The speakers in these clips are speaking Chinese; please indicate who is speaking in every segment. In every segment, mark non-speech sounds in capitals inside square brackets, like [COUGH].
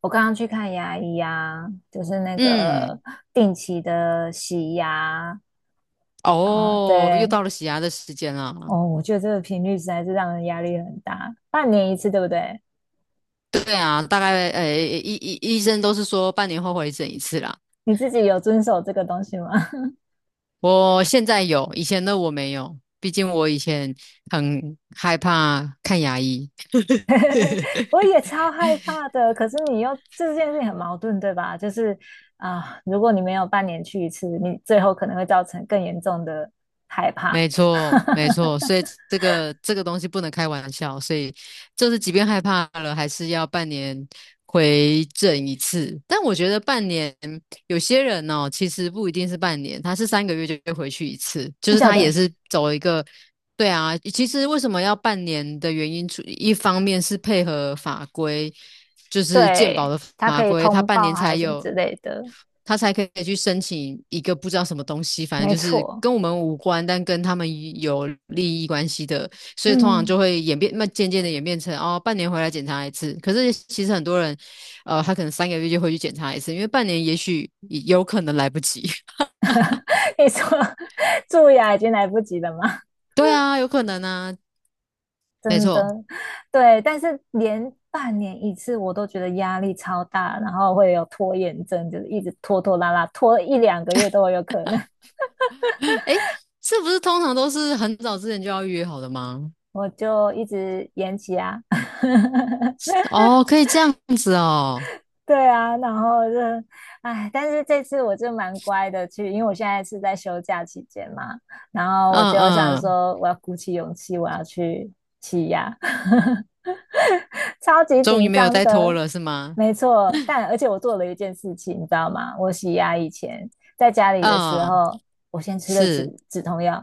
Speaker 1: 我刚刚去看牙医啊，就是那个
Speaker 2: 嗯。
Speaker 1: 定期的洗牙啊，
Speaker 2: 哦，又
Speaker 1: 对，
Speaker 2: 到了洗牙的时间了。
Speaker 1: 哦，我觉得这个频率实在是让人压力很大，半年一次，对不对？
Speaker 2: 对啊，大概医生都是说半年后回诊一次啦。
Speaker 1: 你自己有遵守这个东西吗？
Speaker 2: 我现在有，以前的我没有，毕竟我以前很害怕看牙医。[LAUGHS]
Speaker 1: [LAUGHS] 我也超害怕的，可是你又这件事情很矛盾，对吧？就是啊，如果你没有半年去一次，你最后可能会造成更严重的害怕。
Speaker 2: 没错，没
Speaker 1: [LAUGHS]
Speaker 2: 错，所以这个东西不能开玩笑，所以就是即便害怕了，还是要半年回诊一次。但我觉得半年有些人哦，其实不一定是半年，他是三个月就会回去一次，就
Speaker 1: 真
Speaker 2: 是
Speaker 1: 假
Speaker 2: 他也
Speaker 1: 的？
Speaker 2: 是走一个。对啊，其实为什么要半年的原因，除一方面是配合法规，就是健保
Speaker 1: 对，
Speaker 2: 的
Speaker 1: 它
Speaker 2: 法
Speaker 1: 可以
Speaker 2: 规，他
Speaker 1: 通
Speaker 2: 半
Speaker 1: 报
Speaker 2: 年才
Speaker 1: 还是什么
Speaker 2: 有。
Speaker 1: 之类的，
Speaker 2: 他才可以去申请一个不知道什么东西，反正
Speaker 1: 没
Speaker 2: 就是
Speaker 1: 错。
Speaker 2: 跟我们无关，但跟他们有利益关系的，所以通常
Speaker 1: 嗯，
Speaker 2: 就会演变，那渐渐的演变成哦，半年回来检查一次。可是其实很多人，他可能三个月就会去检查一次，因为半年也许有可能来不及。
Speaker 1: 你说 [LAUGHS] 蛀牙已经来不及了吗？
Speaker 2: [LAUGHS] 对啊，有可能啊，
Speaker 1: [LAUGHS]
Speaker 2: 没
Speaker 1: 真
Speaker 2: 错。
Speaker 1: 的，对，但是连半年一次我都觉得压力超大，然后会有拖延症，就是一直拖拖拉拉，拖一两个月都有可能，
Speaker 2: 诶，是不是通常都是很早之前就要预约好的吗？
Speaker 1: 我就一直延期啊。[LAUGHS]
Speaker 2: 哦，可以这样子哦。
Speaker 1: 对啊，然后就，哎，但是这次我就蛮乖的去，因为我现在是在休假期间嘛，然后
Speaker 2: 嗯
Speaker 1: 我就想
Speaker 2: 嗯。
Speaker 1: 说，我要鼓起勇气，我要去洗牙。[LAUGHS] 超级
Speaker 2: 终于
Speaker 1: 紧
Speaker 2: 没有
Speaker 1: 张
Speaker 2: 再拖
Speaker 1: 的，
Speaker 2: 了，是吗？
Speaker 1: 没错。但而且我做了一件事情，你知道吗？我洗牙以前在家里的时
Speaker 2: 嗯，
Speaker 1: 候，我先吃的止
Speaker 2: 是。
Speaker 1: 止痛药，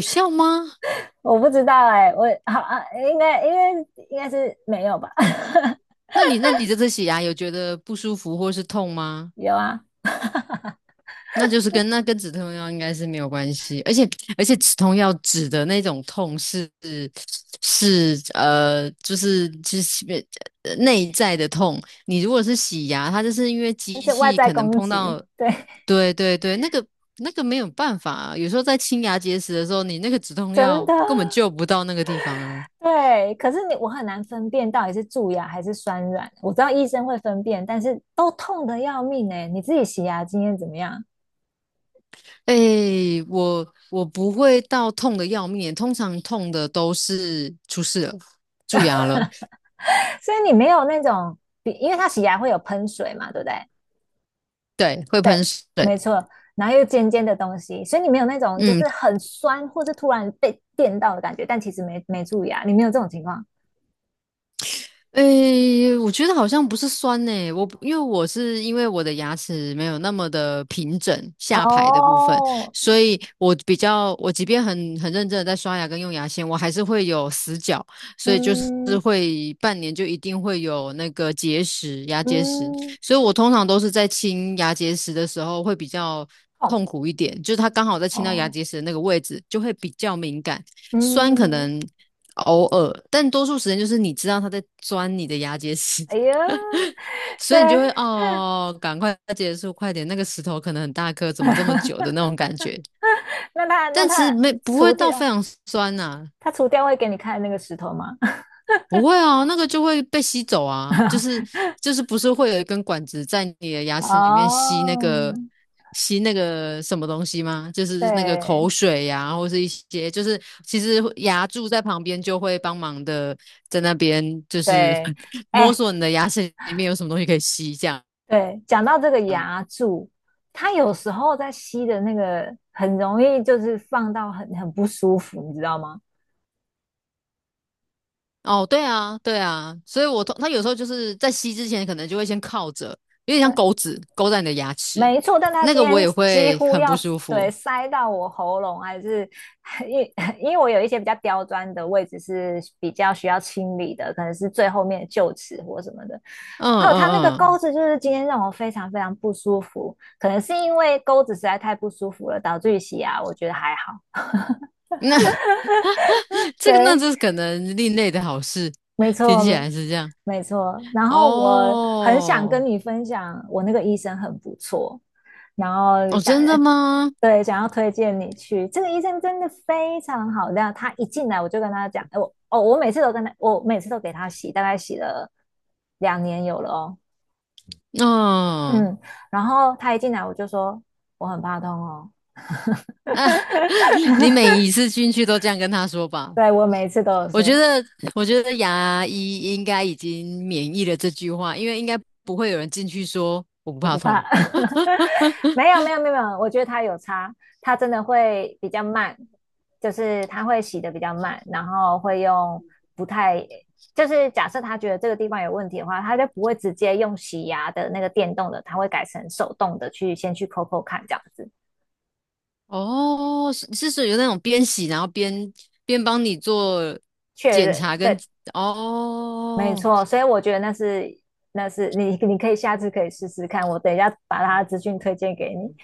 Speaker 2: 有效吗？
Speaker 1: 我不知道哎、我好啊，应该应该应该是没有吧？
Speaker 2: 那你这次洗牙有觉得不舒服或是痛吗？
Speaker 1: [LAUGHS] 有啊，
Speaker 2: 那就是跟止痛药应该是没有关系，而且止痛药止的那种痛是就是内在的痛。你如果是洗牙，它就是因为机
Speaker 1: 这外
Speaker 2: 器
Speaker 1: 在
Speaker 2: 可能
Speaker 1: 攻
Speaker 2: 碰
Speaker 1: 击，
Speaker 2: 到，
Speaker 1: 对，
Speaker 2: 对对对，那个没有办法啊。有时候在清牙结石的时候，你那个止痛
Speaker 1: 真
Speaker 2: 药
Speaker 1: 的。
Speaker 2: 根本救不到那个地方啊。
Speaker 1: 对，可是你我很难分辨到底是蛀牙还是酸软。我知道医生会分辨，但是都痛得要命哎、你自己洗牙经验怎么样？
Speaker 2: 哎，我不会到痛的要命，通常痛的都是出事了，蛀牙了。
Speaker 1: 所以你没有那种，因为他洗牙会有喷水嘛，对不对？
Speaker 2: 对，会
Speaker 1: 对，
Speaker 2: 喷水。
Speaker 1: 没错，然后又尖尖的东西，所以你没有那种就
Speaker 2: 嗯，
Speaker 1: 是很酸或是突然被电到的感觉，但其实没注意啊，你没有这种情况。
Speaker 2: 诶，我觉得好像不是酸呢、我不因为我是因为我的牙齿没有那么的平整，下排的部分，
Speaker 1: 哦，
Speaker 2: 所以我比较我即便很认真的在刷牙跟用牙线，我还是会有死角，所以就是
Speaker 1: 嗯
Speaker 2: 会半年就一定会有那个结石、牙结石，
Speaker 1: 嗯，
Speaker 2: 所以我通常都是在清牙结石的时候会比较
Speaker 1: 痛
Speaker 2: 痛苦一点，就是它刚好在清到牙
Speaker 1: 哦，
Speaker 2: 结石的那个位置就会比较敏感，酸可
Speaker 1: 嗯，
Speaker 2: 能。偶尔，但多数时间就是你知道他在钻你的牙结石，
Speaker 1: 哎呀，
Speaker 2: [LAUGHS] 所
Speaker 1: 对，
Speaker 2: 以你就会哦，赶快结束，快点，那个石头可能很大颗，怎么
Speaker 1: [LAUGHS]
Speaker 2: 这么久的那种感觉。
Speaker 1: 那他那
Speaker 2: 但其实
Speaker 1: 他
Speaker 2: 没不会
Speaker 1: 除
Speaker 2: 到非
Speaker 1: 掉
Speaker 2: 常酸呐、
Speaker 1: 他除掉会给你看那个石头吗？
Speaker 2: 不会啊，那个就会被吸走啊，就是
Speaker 1: [LAUGHS]
Speaker 2: 就是不是会有一根管子在你的牙齿里面吸那个
Speaker 1: 哦，
Speaker 2: 什么东西吗？就是那个口
Speaker 1: 对
Speaker 2: 水呀、或是一些就是其实牙柱在旁边就会帮忙的在那边就是
Speaker 1: 对，
Speaker 2: [LAUGHS] 摸
Speaker 1: 哎、
Speaker 2: 索你的牙齿里面有什么东西可以吸这样。
Speaker 1: 对，讲到这个牙柱，它有时候在吸的那个很容易就是放到很不舒服，你知道吗？
Speaker 2: 哦，对啊，对啊，所以我通他有时候就是在吸之前可能就会先靠着，有点像
Speaker 1: 对，
Speaker 2: 钩子勾在你的牙齿，
Speaker 1: 没错，但它
Speaker 2: 那
Speaker 1: 今
Speaker 2: 个我
Speaker 1: 天
Speaker 2: 也
Speaker 1: 几
Speaker 2: 会
Speaker 1: 乎
Speaker 2: 很
Speaker 1: 要
Speaker 2: 不舒
Speaker 1: 对
Speaker 2: 服。
Speaker 1: 塞到我喉咙，还是 [LAUGHS] 因为因为我有一些比较刁钻的位置是比较需要清理的，可能是最后面的臼齿或什么的。
Speaker 2: 嗯
Speaker 1: 还有它那个
Speaker 2: 嗯
Speaker 1: 钩
Speaker 2: 嗯。
Speaker 1: 子，就是今天让我非常非常不舒服，可能是因为钩子实在太不舒服了，导致于洗牙，我觉得还好。
Speaker 2: 那 [LAUGHS] 这个那
Speaker 1: 对，
Speaker 2: 这可能另类的好事，
Speaker 1: 没
Speaker 2: 听起
Speaker 1: 错，
Speaker 2: 来是这样。
Speaker 1: 没错。然后我很想
Speaker 2: 哦
Speaker 1: 跟你分享，我那个医生很不错，然后
Speaker 2: 哦，
Speaker 1: 想，
Speaker 2: 真的吗？
Speaker 1: [LAUGHS] 对，想要推荐你去。这个医生真的非常好料，他一进来我就跟他讲，哎，我哦，我每次都跟他，我每次都给他洗，大概洗了2年有了哦，
Speaker 2: 嗯。
Speaker 1: 嗯。然后他一进来我就说我很怕痛哦，
Speaker 2: [LAUGHS] 你
Speaker 1: [LAUGHS]
Speaker 2: 每一次进去都这样跟他说吧。
Speaker 1: 对，我每一次都有
Speaker 2: 我觉
Speaker 1: 说，
Speaker 2: 得，我觉得牙医应该已经免疫了这句话，因为应该不会有人进去说我不
Speaker 1: 我
Speaker 2: 怕
Speaker 1: 不
Speaker 2: 痛。
Speaker 1: 怕，[LAUGHS] 没有没有没有没有，我觉得它有差，它真的会比较慢，就是它会洗的比较慢，然后会用不太，就是假设他觉得这个地方有问题的话，他就不会直接用洗牙的那个电动的，他会改成手动的去先去抠抠看这样子
Speaker 2: 哦，是是属于那种边洗然后边边帮你做
Speaker 1: 确
Speaker 2: 检
Speaker 1: 认，
Speaker 2: 查跟
Speaker 1: 对，没
Speaker 2: 哦。
Speaker 1: 错，所以我觉得那是你可以下次可以试试看，我等一下把他的资讯推荐给你，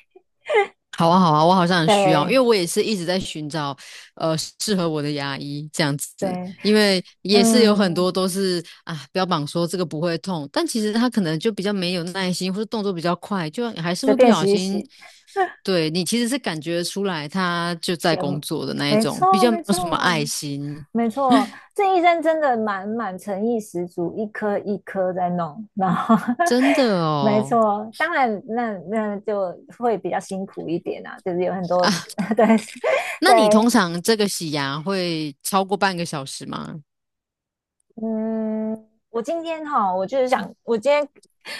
Speaker 2: 好啊，好啊，我好像很需要，因为
Speaker 1: 对
Speaker 2: 我也是一直在寻找，适合我的牙医这样子，
Speaker 1: 对，
Speaker 2: 因为也是有很多
Speaker 1: 嗯，
Speaker 2: 都是啊，标榜说这个不会痛，但其实他可能就比较没有耐心，或者动作比较快，就还是
Speaker 1: 随
Speaker 2: 会不
Speaker 1: 便
Speaker 2: 小
Speaker 1: 洗一
Speaker 2: 心。
Speaker 1: 洗。
Speaker 2: 对，你其实是感觉出来他就在
Speaker 1: 也
Speaker 2: 工作的那一
Speaker 1: 没
Speaker 2: 种，比
Speaker 1: 错，
Speaker 2: 较没
Speaker 1: 没
Speaker 2: 有什么
Speaker 1: 错，
Speaker 2: 爱心，
Speaker 1: 没错。这医生真的蛮诚意十足，一颗一颗在弄，然后
Speaker 2: 真
Speaker 1: [LAUGHS]
Speaker 2: 的
Speaker 1: 没
Speaker 2: 哦。
Speaker 1: 错，当然那就会比较辛苦一点啊，就是有很多 [LAUGHS] 对
Speaker 2: 那你通
Speaker 1: 对，
Speaker 2: 常这个洗牙会超过半个小时吗？
Speaker 1: 嗯，我今天哈，我就是想，我今天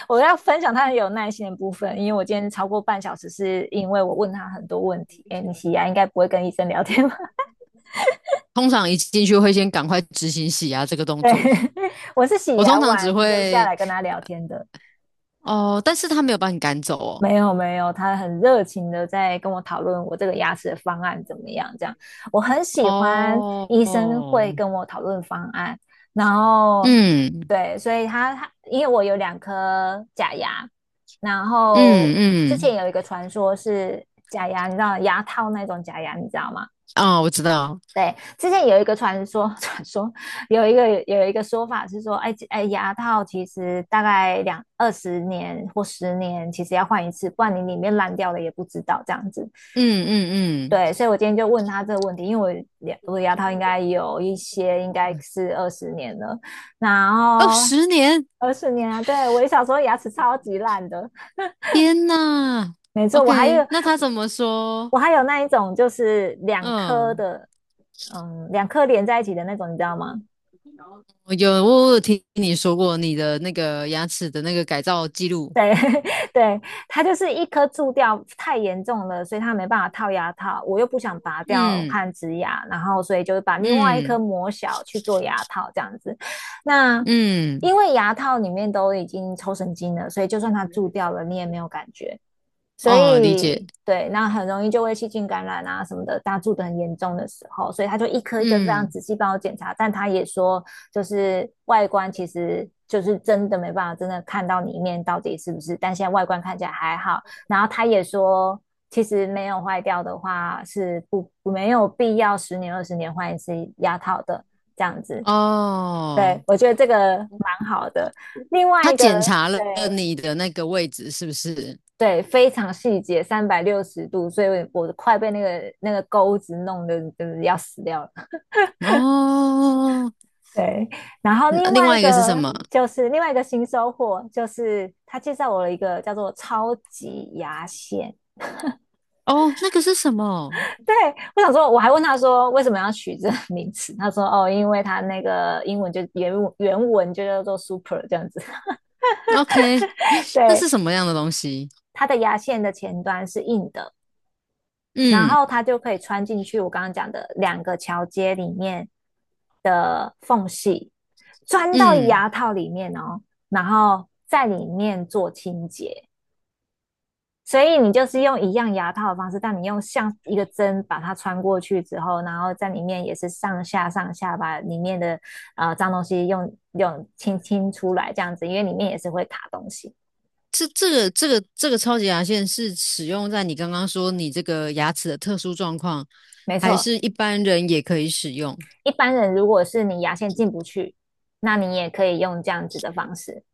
Speaker 1: 我要分享他很有耐心的部分，因为我今天超过半小时，是因为我问他很多问题。哎，你洗牙应该不会跟医生聊天吧？
Speaker 2: 通常一进去会先赶快执行洗牙这个动
Speaker 1: 对，
Speaker 2: 作。
Speaker 1: [LAUGHS] 我是洗
Speaker 2: 我
Speaker 1: 牙
Speaker 2: 通常只
Speaker 1: 完留下
Speaker 2: 会
Speaker 1: 来跟他聊天的。
Speaker 2: 哦，但是他没有把你赶走哦。
Speaker 1: 没有没有，他很热情的在跟我讨论我这个牙齿的方案怎么样，这样我很喜欢
Speaker 2: 哦
Speaker 1: 医生会
Speaker 2: 哦，
Speaker 1: 跟我讨论方案，然后
Speaker 2: 嗯
Speaker 1: 对，所以他因为我有两颗假牙，然
Speaker 2: 嗯
Speaker 1: 后之
Speaker 2: 嗯，
Speaker 1: 前有一个传说是假牙，你知道牙套那种假牙，你知道吗？
Speaker 2: 哦，我知道。
Speaker 1: 对，之前有一个传说，[LAUGHS] 传说有一个说法是说，哎哎，牙套其实大概二十年或十年，其实要换一次，不然你里面烂掉了也不知道这样子。
Speaker 2: 嗯嗯
Speaker 1: 对，
Speaker 2: 嗯，
Speaker 1: 所以我今天就问他这个问题，因为我的牙套应该有一些应该是二十年了，然
Speaker 2: 哦，
Speaker 1: 后
Speaker 2: 10年。
Speaker 1: 二十年啊，对，我小时候牙齿超级烂的，
Speaker 2: 天呐。
Speaker 1: 没错，我还有
Speaker 2: OK,那他怎么说？
Speaker 1: 我还有那一种就是两颗
Speaker 2: 嗯，
Speaker 1: 的，嗯，两颗连在一起的那种，你知道吗？
Speaker 2: 我有听你说过你的那个牙齿的那个改造记录。
Speaker 1: 对 [LAUGHS] 对，它就是一颗蛀掉太严重了，所以它没办法套牙套，我又不想拔掉
Speaker 2: 嗯
Speaker 1: 和植牙，然后所以就是把另外一颗
Speaker 2: 嗯
Speaker 1: 磨小去做牙套这样子。那
Speaker 2: 嗯，
Speaker 1: 因为牙套里面都已经抽神经了，所以就算它蛀掉了，你也没有感觉。所
Speaker 2: 哦，理
Speaker 1: 以
Speaker 2: 解。
Speaker 1: 对，那很容易就会细菌感染啊什么的，大家住得很严重的时候，所以他就一颗一颗非常
Speaker 2: 嗯，
Speaker 1: 仔细帮我检查，但他也说，就是外观其实就是真的没办法真的看到里面到底是不是，但现在外观看起来还好，然后他也说。其实没有坏掉的话，是不没有必要十年二十年换一次牙套的这样子。
Speaker 2: 哦，
Speaker 1: 对，我觉得这个蛮好的。另外
Speaker 2: 他
Speaker 1: 一个，
Speaker 2: 检查了
Speaker 1: 对，
Speaker 2: 你的那个位置是不是？
Speaker 1: 对，非常细节，360度，所以我快被那个钩子弄得就是要死掉了。
Speaker 2: 哦，
Speaker 1: 对，然后
Speaker 2: 嗯另外一个是什么？
Speaker 1: 另外一个新收获，就是他介绍我了一个叫做超级牙线。
Speaker 2: 哦，那个是什么
Speaker 1: 对，我想说，我还问他说为什么要取这个名词，他说哦，因为他那个英文就原文就叫做 super 这样子。
Speaker 2: ？OK,
Speaker 1: [LAUGHS]
Speaker 2: 那
Speaker 1: 对，
Speaker 2: 是什么样的东西？
Speaker 1: 它的牙线的前端是硬的，然
Speaker 2: 嗯
Speaker 1: 后它就可以穿进去我刚刚讲的两个桥接里面的缝隙，钻到
Speaker 2: 嗯，
Speaker 1: 牙套里面哦，然后在里面做清洁。所以你就是用一样牙套的方式，但你用像一个针把它穿过去之后，然后在里面也是上下上下把里面的脏东西用清出来这样子，因为里面也是会卡东西。
Speaker 2: 这个超级牙线是使用在你刚刚说你这个牙齿的特殊状况，
Speaker 1: 没
Speaker 2: 还
Speaker 1: 错，
Speaker 2: 是一般人也可以使用？
Speaker 1: 一般人如果是你牙线进不去，那你也可以用这样子的方式。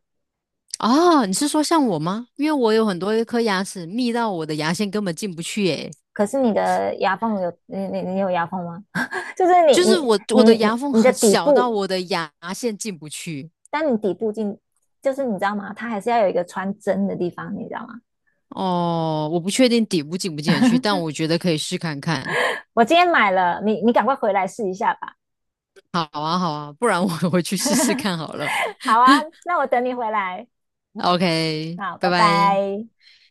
Speaker 2: 哦，你是说像我吗？因为我有很多一颗牙齿密到我的牙线根本进不去，诶，
Speaker 1: 可是你有牙缝吗？[LAUGHS] 就是
Speaker 2: 就是
Speaker 1: 你
Speaker 2: 我
Speaker 1: 你你
Speaker 2: 的牙缝
Speaker 1: 你的
Speaker 2: 很
Speaker 1: 底
Speaker 2: 小到
Speaker 1: 部，
Speaker 2: 我的牙线进不去。
Speaker 1: 但你底部进就是你知道吗？它还是要有一个穿针的地方，你知道吗？
Speaker 2: 哦，我不确定底部进不进得去，但我觉得可以试看看。
Speaker 1: 我今天买了，你赶快回来试一下吧。
Speaker 2: 好啊，好啊，不然我 [LAUGHS] 回去试试看好了。
Speaker 1: 好啊，那我等你回来。
Speaker 2: OK,
Speaker 1: 好，
Speaker 2: 拜
Speaker 1: 拜
Speaker 2: 拜。
Speaker 1: 拜。